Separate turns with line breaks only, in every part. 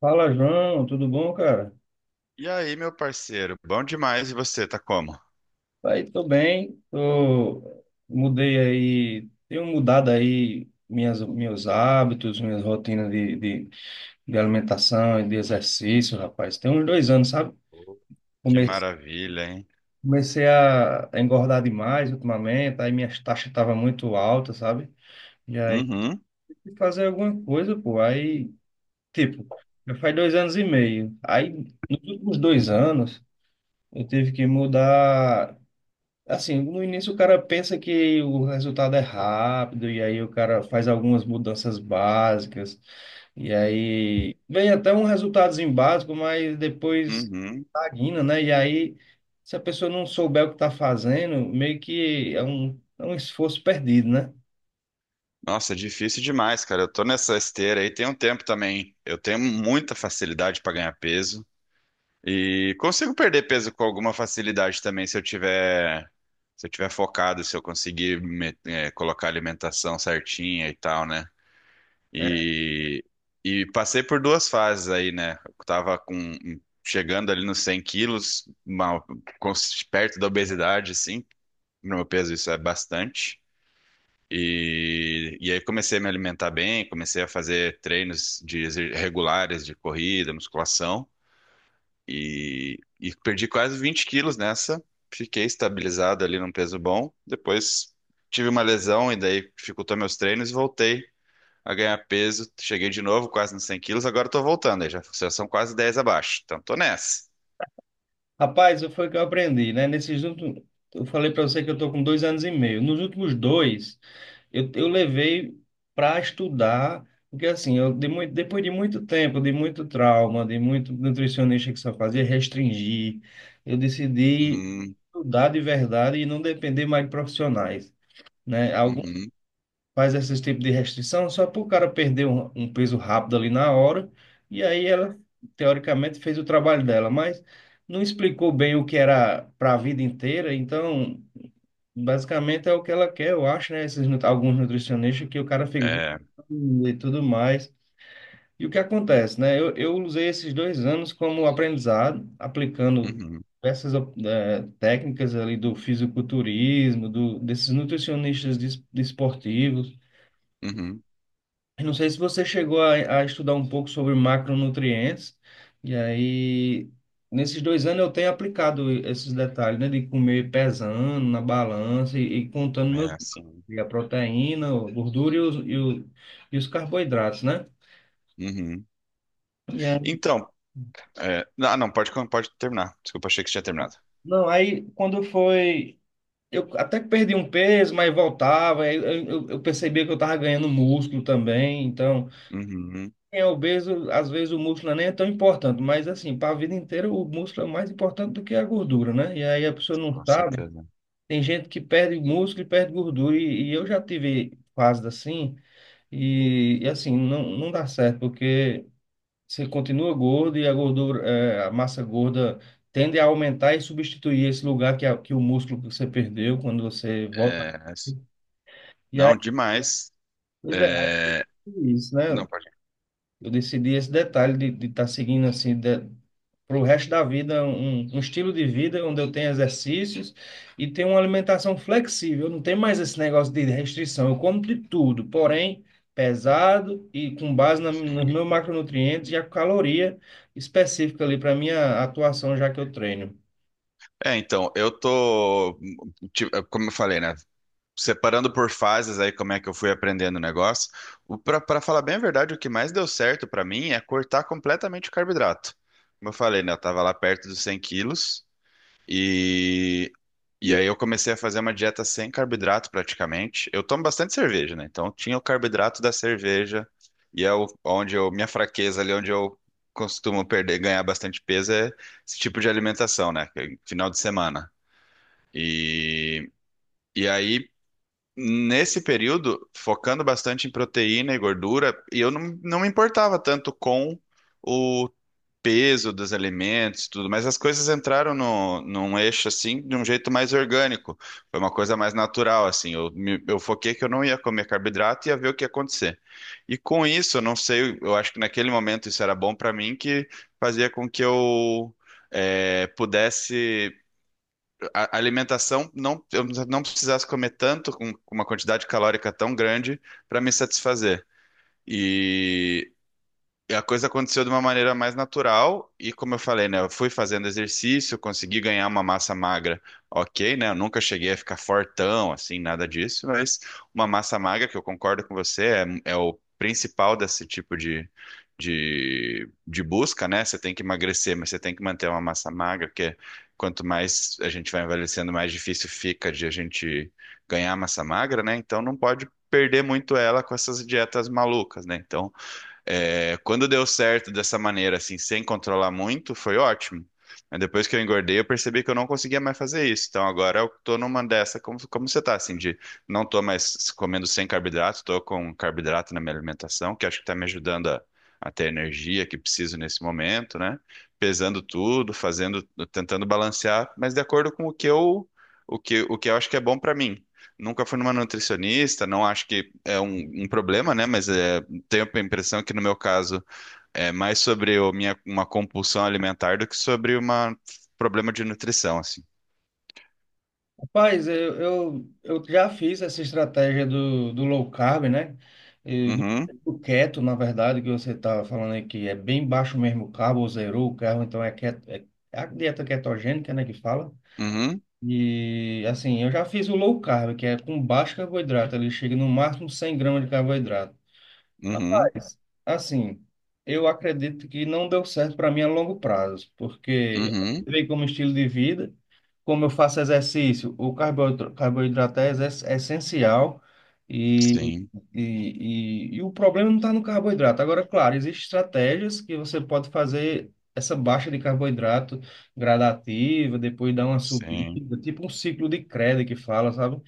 Fala, João, tudo bom, cara?
E aí, meu parceiro? Bom demais. E você, tá como?
Aí, tô bem, mudei aí, tenho mudado aí meus hábitos, minhas rotinas de alimentação e de exercício, rapaz. Tem uns 2 anos, sabe?
Pô, que
Come-
maravilha, hein?
Comecei a engordar demais ultimamente, aí minhas taxas estavam muito altas, sabe? E aí,
Uhum,
tive que fazer alguma coisa, pô. Aí, tipo, já faz 2 anos e meio. Aí, nos últimos 2 anos, eu tive que mudar. Assim, no início o cara pensa que o resultado é rápido, e aí o cara faz algumas mudanças básicas, e aí vem até um resultadozinho básico, mas depois
uhum.
estagna, né? E aí, se a pessoa não souber o que está fazendo, meio que é um esforço perdido, né?
Nossa, é difícil demais, cara. Eu tô nessa esteira aí tem um tempo também. Eu tenho muita facilidade pra ganhar peso e consigo perder peso com alguma facilidade também se eu tiver focado, se eu conseguir colocar a alimentação certinha e tal, né? E, e passei por duas fases aí, né? Eu tava chegando ali nos 100 quilos, com- perto da obesidade, assim. No meu peso isso é bastante. E aí comecei a me alimentar bem, comecei a fazer treinos regulares de corrida, musculação. E perdi quase 20 quilos nessa. Fiquei estabilizado ali num peso bom. Depois tive uma lesão e daí dificultou meus treinos e voltei a ganhar peso. Cheguei de novo, quase nos 100 quilos, agora tô voltando, aí já são quase 10 abaixo. Então tô nessa.
Rapaz, foi o que eu aprendi, né? Nesses últimos, eu falei para você que eu tô com 2 anos e meio. Nos últimos dois, eu levei para estudar, porque assim, depois de muito tempo, de muito trauma, de muito nutricionista que só fazia restringir, eu decidi
Uhum,
estudar de verdade e não depender mais de profissionais, né?
uhum,
Faz esse tipo de restrição só para o cara perder um peso rápido ali na hora. E aí ela, teoricamente, fez o trabalho dela, mas não explicou bem o que era para a vida inteira. Então, basicamente é o que ela quer, eu acho, né? Alguns nutricionistas que o cara fica
é,
E tudo mais. E o que acontece, né? Eu usei esses 2 anos como aprendizado, aplicando
uhum,
essas técnicas ali do fisiculturismo, desses nutricionistas desportivos.
uhum,
Eu não sei se você chegou a estudar um pouco sobre macronutrientes, e aí, nesses 2 anos eu tenho aplicado esses detalhes, né, de comer pesando na balança e contando
é assim.
e a proteína, a gordura e e os carboidratos, né?
Uhum.
E aí,
Então, é, não, não, pode terminar. Desculpa, achei que você tinha terminado.
não, aí quando foi, eu até que perdi um peso, mas voltava, aí eu percebia que eu estava ganhando músculo também, então.
Uhum,
Quem é obeso, às vezes o músculo nem é tão importante, mas assim, para a vida inteira o músculo é mais importante do que a gordura, né? E aí a pessoa não
com
sabe.
certeza.
Tem gente que perde músculo e perde gordura, e eu já tive fases assim, e assim, não, não dá certo, porque você continua gordo e a gordura, é, a massa gorda tende a aumentar e substituir esse lugar que o músculo que você perdeu quando você
É,
volta. E aí,
não, demais.
pois é,
É,
isso, né?
não, pode.
Eu decidi esse detalhe de estar seguindo assim para o resto da vida um estilo de vida onde eu tenho exercícios e tenho uma alimentação flexível. Não tem mais esse negócio de restrição. Eu como de tudo, porém pesado e com base nos meus macronutrientes e a caloria específica ali para minha atuação já que eu treino.
É, então, eu tô, tipo, como eu falei, né? Separando por fases aí como é que eu fui aprendendo o negócio, pra falar bem a verdade, o que mais deu certo pra mim é cortar completamente o carboidrato. Como eu falei, né, eu tava lá perto dos 100 quilos e, e aí eu comecei a fazer uma dieta sem carboidrato praticamente. Eu tomo bastante cerveja, né, então tinha o carboidrato da cerveja e onde eu, minha fraqueza ali, onde eu costumo perder, ganhar bastante peso é esse tipo de alimentação, né, que é final de semana. E, e aí nesse período, focando bastante em proteína e gordura, e eu não, não me importava tanto com o peso dos alimentos e tudo, mas as coisas entraram no, num eixo assim de um jeito mais orgânico. Foi uma coisa mais natural, assim. Eu foquei que eu não ia comer carboidrato e ia ver o que ia acontecer. E com isso, eu não sei, eu acho que naquele momento isso era bom para mim, que fazia com que eu pudesse a alimentação não, eu não precisasse comer tanto, com uma quantidade calórica tão grande, para me satisfazer. E e a coisa aconteceu de uma maneira mais natural e como eu falei, né, eu fui fazendo exercício, consegui ganhar uma massa magra, ok, né, eu nunca cheguei a ficar fortão, assim, nada disso, mas uma massa magra, que eu concordo com você, é, é o principal desse tipo de busca, né, você tem que emagrecer, mas você tem que manter uma massa magra, porque quanto mais a gente vai envelhecendo, mais difícil fica de a gente ganhar massa magra, né, então não pode perder muito ela com essas dietas malucas, né, então é, quando deu certo dessa maneira, assim, sem controlar muito, foi ótimo. Mas depois que eu engordei, eu percebi que eu não conseguia mais fazer isso. Então agora eu tô numa dessa, como, como você tá, assim, de não tô mais comendo sem carboidrato, tô com carboidrato na minha alimentação, que acho que tá me ajudando a ter a energia que preciso nesse momento, né? Pesando tudo, fazendo, tentando balancear, mas de acordo com o que eu acho que é bom pra mim. Nunca fui numa nutricionista, não acho que é um, um problema, né? Mas é, tenho a impressão que no meu caso é mais sobre o minha, uma compulsão alimentar do que sobre um problema de nutrição, assim.
Rapaz, eu já fiz essa estratégia do low carb, né? E do,
Uhum,
do keto, na verdade, que você está falando aí, que é bem baixo mesmo o carbo, ou zerou o carbo, então é, keto, é a dieta ketogênica, né, que fala.
uhum,
E, assim, eu já fiz o low carb, que é com baixo carboidrato, ele chega no máximo 100 gramas de carboidrato.
uhum,
Rapaz, assim, eu acredito que não deu certo para mim a longo prazo, porque eu
uhum.
entrei como estilo de vida, como eu faço exercício, o carboidrato é é essencial e,
Sim,
e o problema não está no carboidrato. Agora, claro, existem estratégias que você pode fazer essa baixa de carboidrato gradativa, depois dar uma subida,
sim,
tipo um ciclo de Krebs que fala, sabe?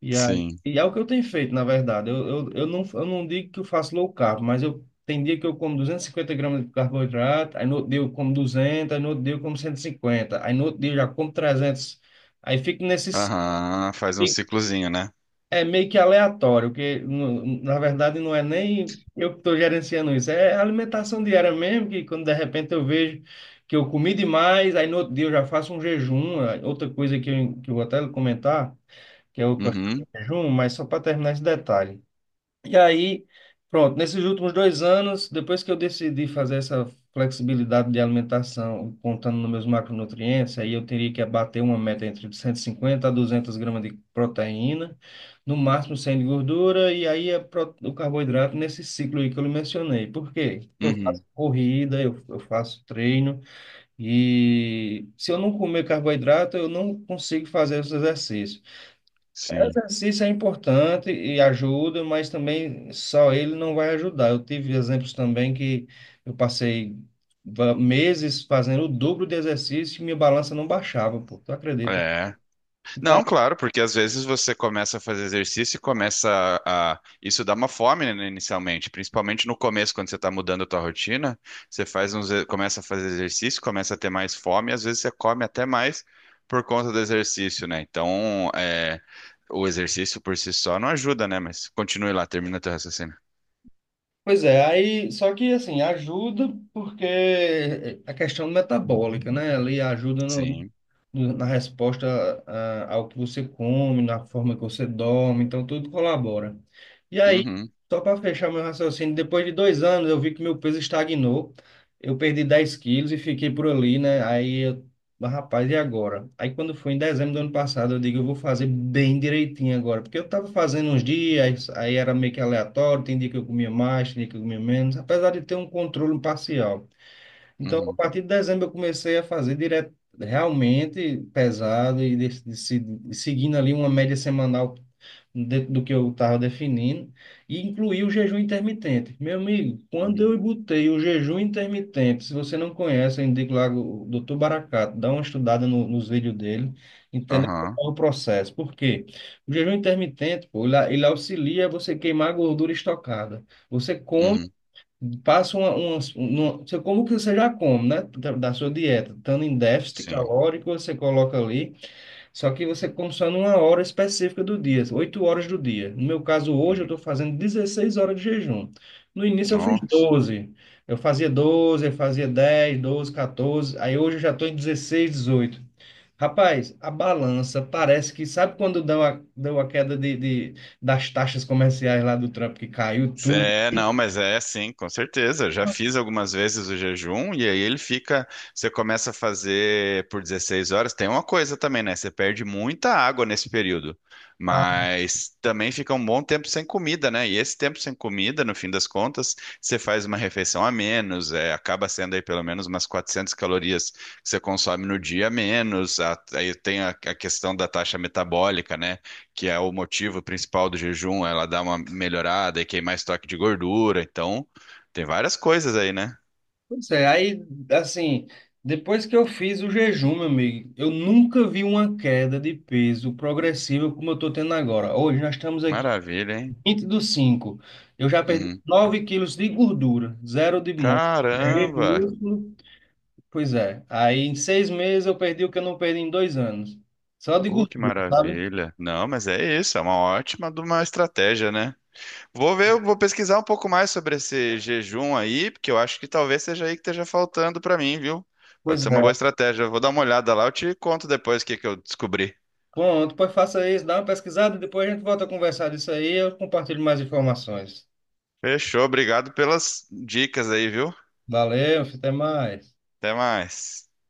E é,
sim.
e é o que eu tenho feito, na verdade. Eu, não, eu não digo que eu faço low carb, mas eu tem dia que eu como 250 gramas de carboidrato, aí no outro dia eu como 200, aí no outro dia eu como 150, aí no outro dia eu já como 300. Aí fico nesses...
Aham, faz um
fico-
ciclozinho, né?
É meio que aleatório, porque na verdade não é nem eu que estou gerenciando isso, é alimentação diária mesmo, que quando de repente eu vejo que eu comi demais, aí no outro dia eu já faço um jejum. É outra coisa que eu vou até comentar, que eu
Uhum,
jejum, mas só para terminar esse detalhe. E aí, pronto, nesses últimos 2 anos, depois que eu decidi fazer essa flexibilidade de alimentação, contando nos meus macronutrientes, aí eu teria que abater uma meta entre 150 a 200 gramas de proteína, no máximo 100 de gordura, e aí é o carboidrato nesse ciclo aí que eu lhe mencionei. Por quê? Porque eu faço
uhum,
corrida, eu faço treino, e se eu não comer carboidrato, eu não consigo fazer os exercícios.
sim.
Exercício é importante e ajuda, mas também só ele não vai ajudar. Eu tive exemplos também que eu passei meses fazendo o dobro de exercício e minha balança não baixava, pô, tu acredita?
É,
Vai.
não, claro, porque às vezes você começa a fazer exercício e começa isso dá uma fome, né, inicialmente, principalmente no começo, quando você está mudando a tua rotina, você faz começa a fazer exercício, começa a ter mais fome, e às vezes você come até mais por conta do exercício, né? Então, é, o exercício por si só não ajuda, né? Mas continue lá, termina teu raciocínio.
Pois é, aí só que assim, ajuda porque a questão metabólica, né? Ali ajuda no,
Sim.
na resposta ao que você come, na forma que você dorme, então tudo colabora. E aí,
Uhum,
só para fechar meu raciocínio, depois de 2 anos eu vi que meu peso estagnou, eu perdi 10 quilos e fiquei por ali, né? Mas, rapaz, e agora? Aí quando foi em dezembro do ano passado, eu digo, eu vou fazer bem direitinho agora, porque eu tava fazendo uns dias, aí era meio que aleatório, tem dia que eu comia mais, tem dia que eu comia menos, apesar de ter um controle parcial. Então, a
uhum,
partir de dezembro, eu comecei a fazer direto, realmente pesado e de, se- de seguindo ali uma média semanal dentro do que eu estava definindo, e incluí o jejum intermitente. Meu amigo, quando
uhum.
eu botei o jejum intermitente, se você não conhece, eu indico lá o Doutor Baracato, dá uma estudada nos vídeos dele, entenda
Aham,
qual é o processo. Por quê? O jejum intermitente, pô, ele auxilia você queimar a gordura estocada. Você come.
uhum,
Faça como que você já come, né? Da sua dieta. Estando em déficit
sim.
calórico, você coloca ali. Só que você come só numa hora específica do dia, 8 horas do dia. No meu caso, hoje, eu
Uhum.
estou fazendo 16 horas de jejum. No início, eu fiz
Nossa.
12. Eu fazia 12, eu fazia 10, 12, 14. Aí hoje eu já estou em 16, 18. Rapaz, a balança parece que, sabe quando deu a queda das taxas comerciais lá do Trump, que caiu tudo?
É, não, mas é sim, com certeza. Já fiz algumas vezes o jejum e aí ele fica. Você começa a fazer por 16 horas. Tem uma coisa também, né? Você perde muita água nesse período, mas também fica um bom tempo sem comida, né? E esse tempo sem comida, no fim das contas, você faz uma refeição a menos, é, acaba sendo aí pelo menos umas 400 calorias que você consome no dia a menos. Aí tem a questão da taxa metabólica, né? Que é o motivo principal do jejum, ela dá uma melhorada e queima estoque de gordura. Então, tem várias coisas aí, né?
Pois é, aí, assim, depois que eu fiz o jejum, meu amigo, eu nunca vi uma queda de peso progressiva como eu tô tendo agora. Hoje nós estamos aqui
Maravilha, hein?
20 do cinco. Eu já perdi
Uhum.
9 quilos de gordura, zero de
Caramba!
músculo. Pois é, aí em 6 meses eu perdi o que eu não perdi em 2 anos. Só de
Que
gordura, sabe?
maravilha! Não, mas é isso, é uma ótima de uma estratégia, né? Vou ver, eu vou pesquisar um pouco mais sobre esse jejum aí, porque eu acho que talvez seja aí que esteja faltando pra mim, viu?
Pois
Pode ser uma
é.
boa estratégia. Eu vou dar uma olhada lá, eu te conto depois o que que eu descobri.
Pronto, pois faça isso, dá uma pesquisada, depois a gente volta a conversar disso aí, eu compartilho mais informações.
Fechou, obrigado pelas dicas aí, viu?
Valeu, até mais.
Até mais.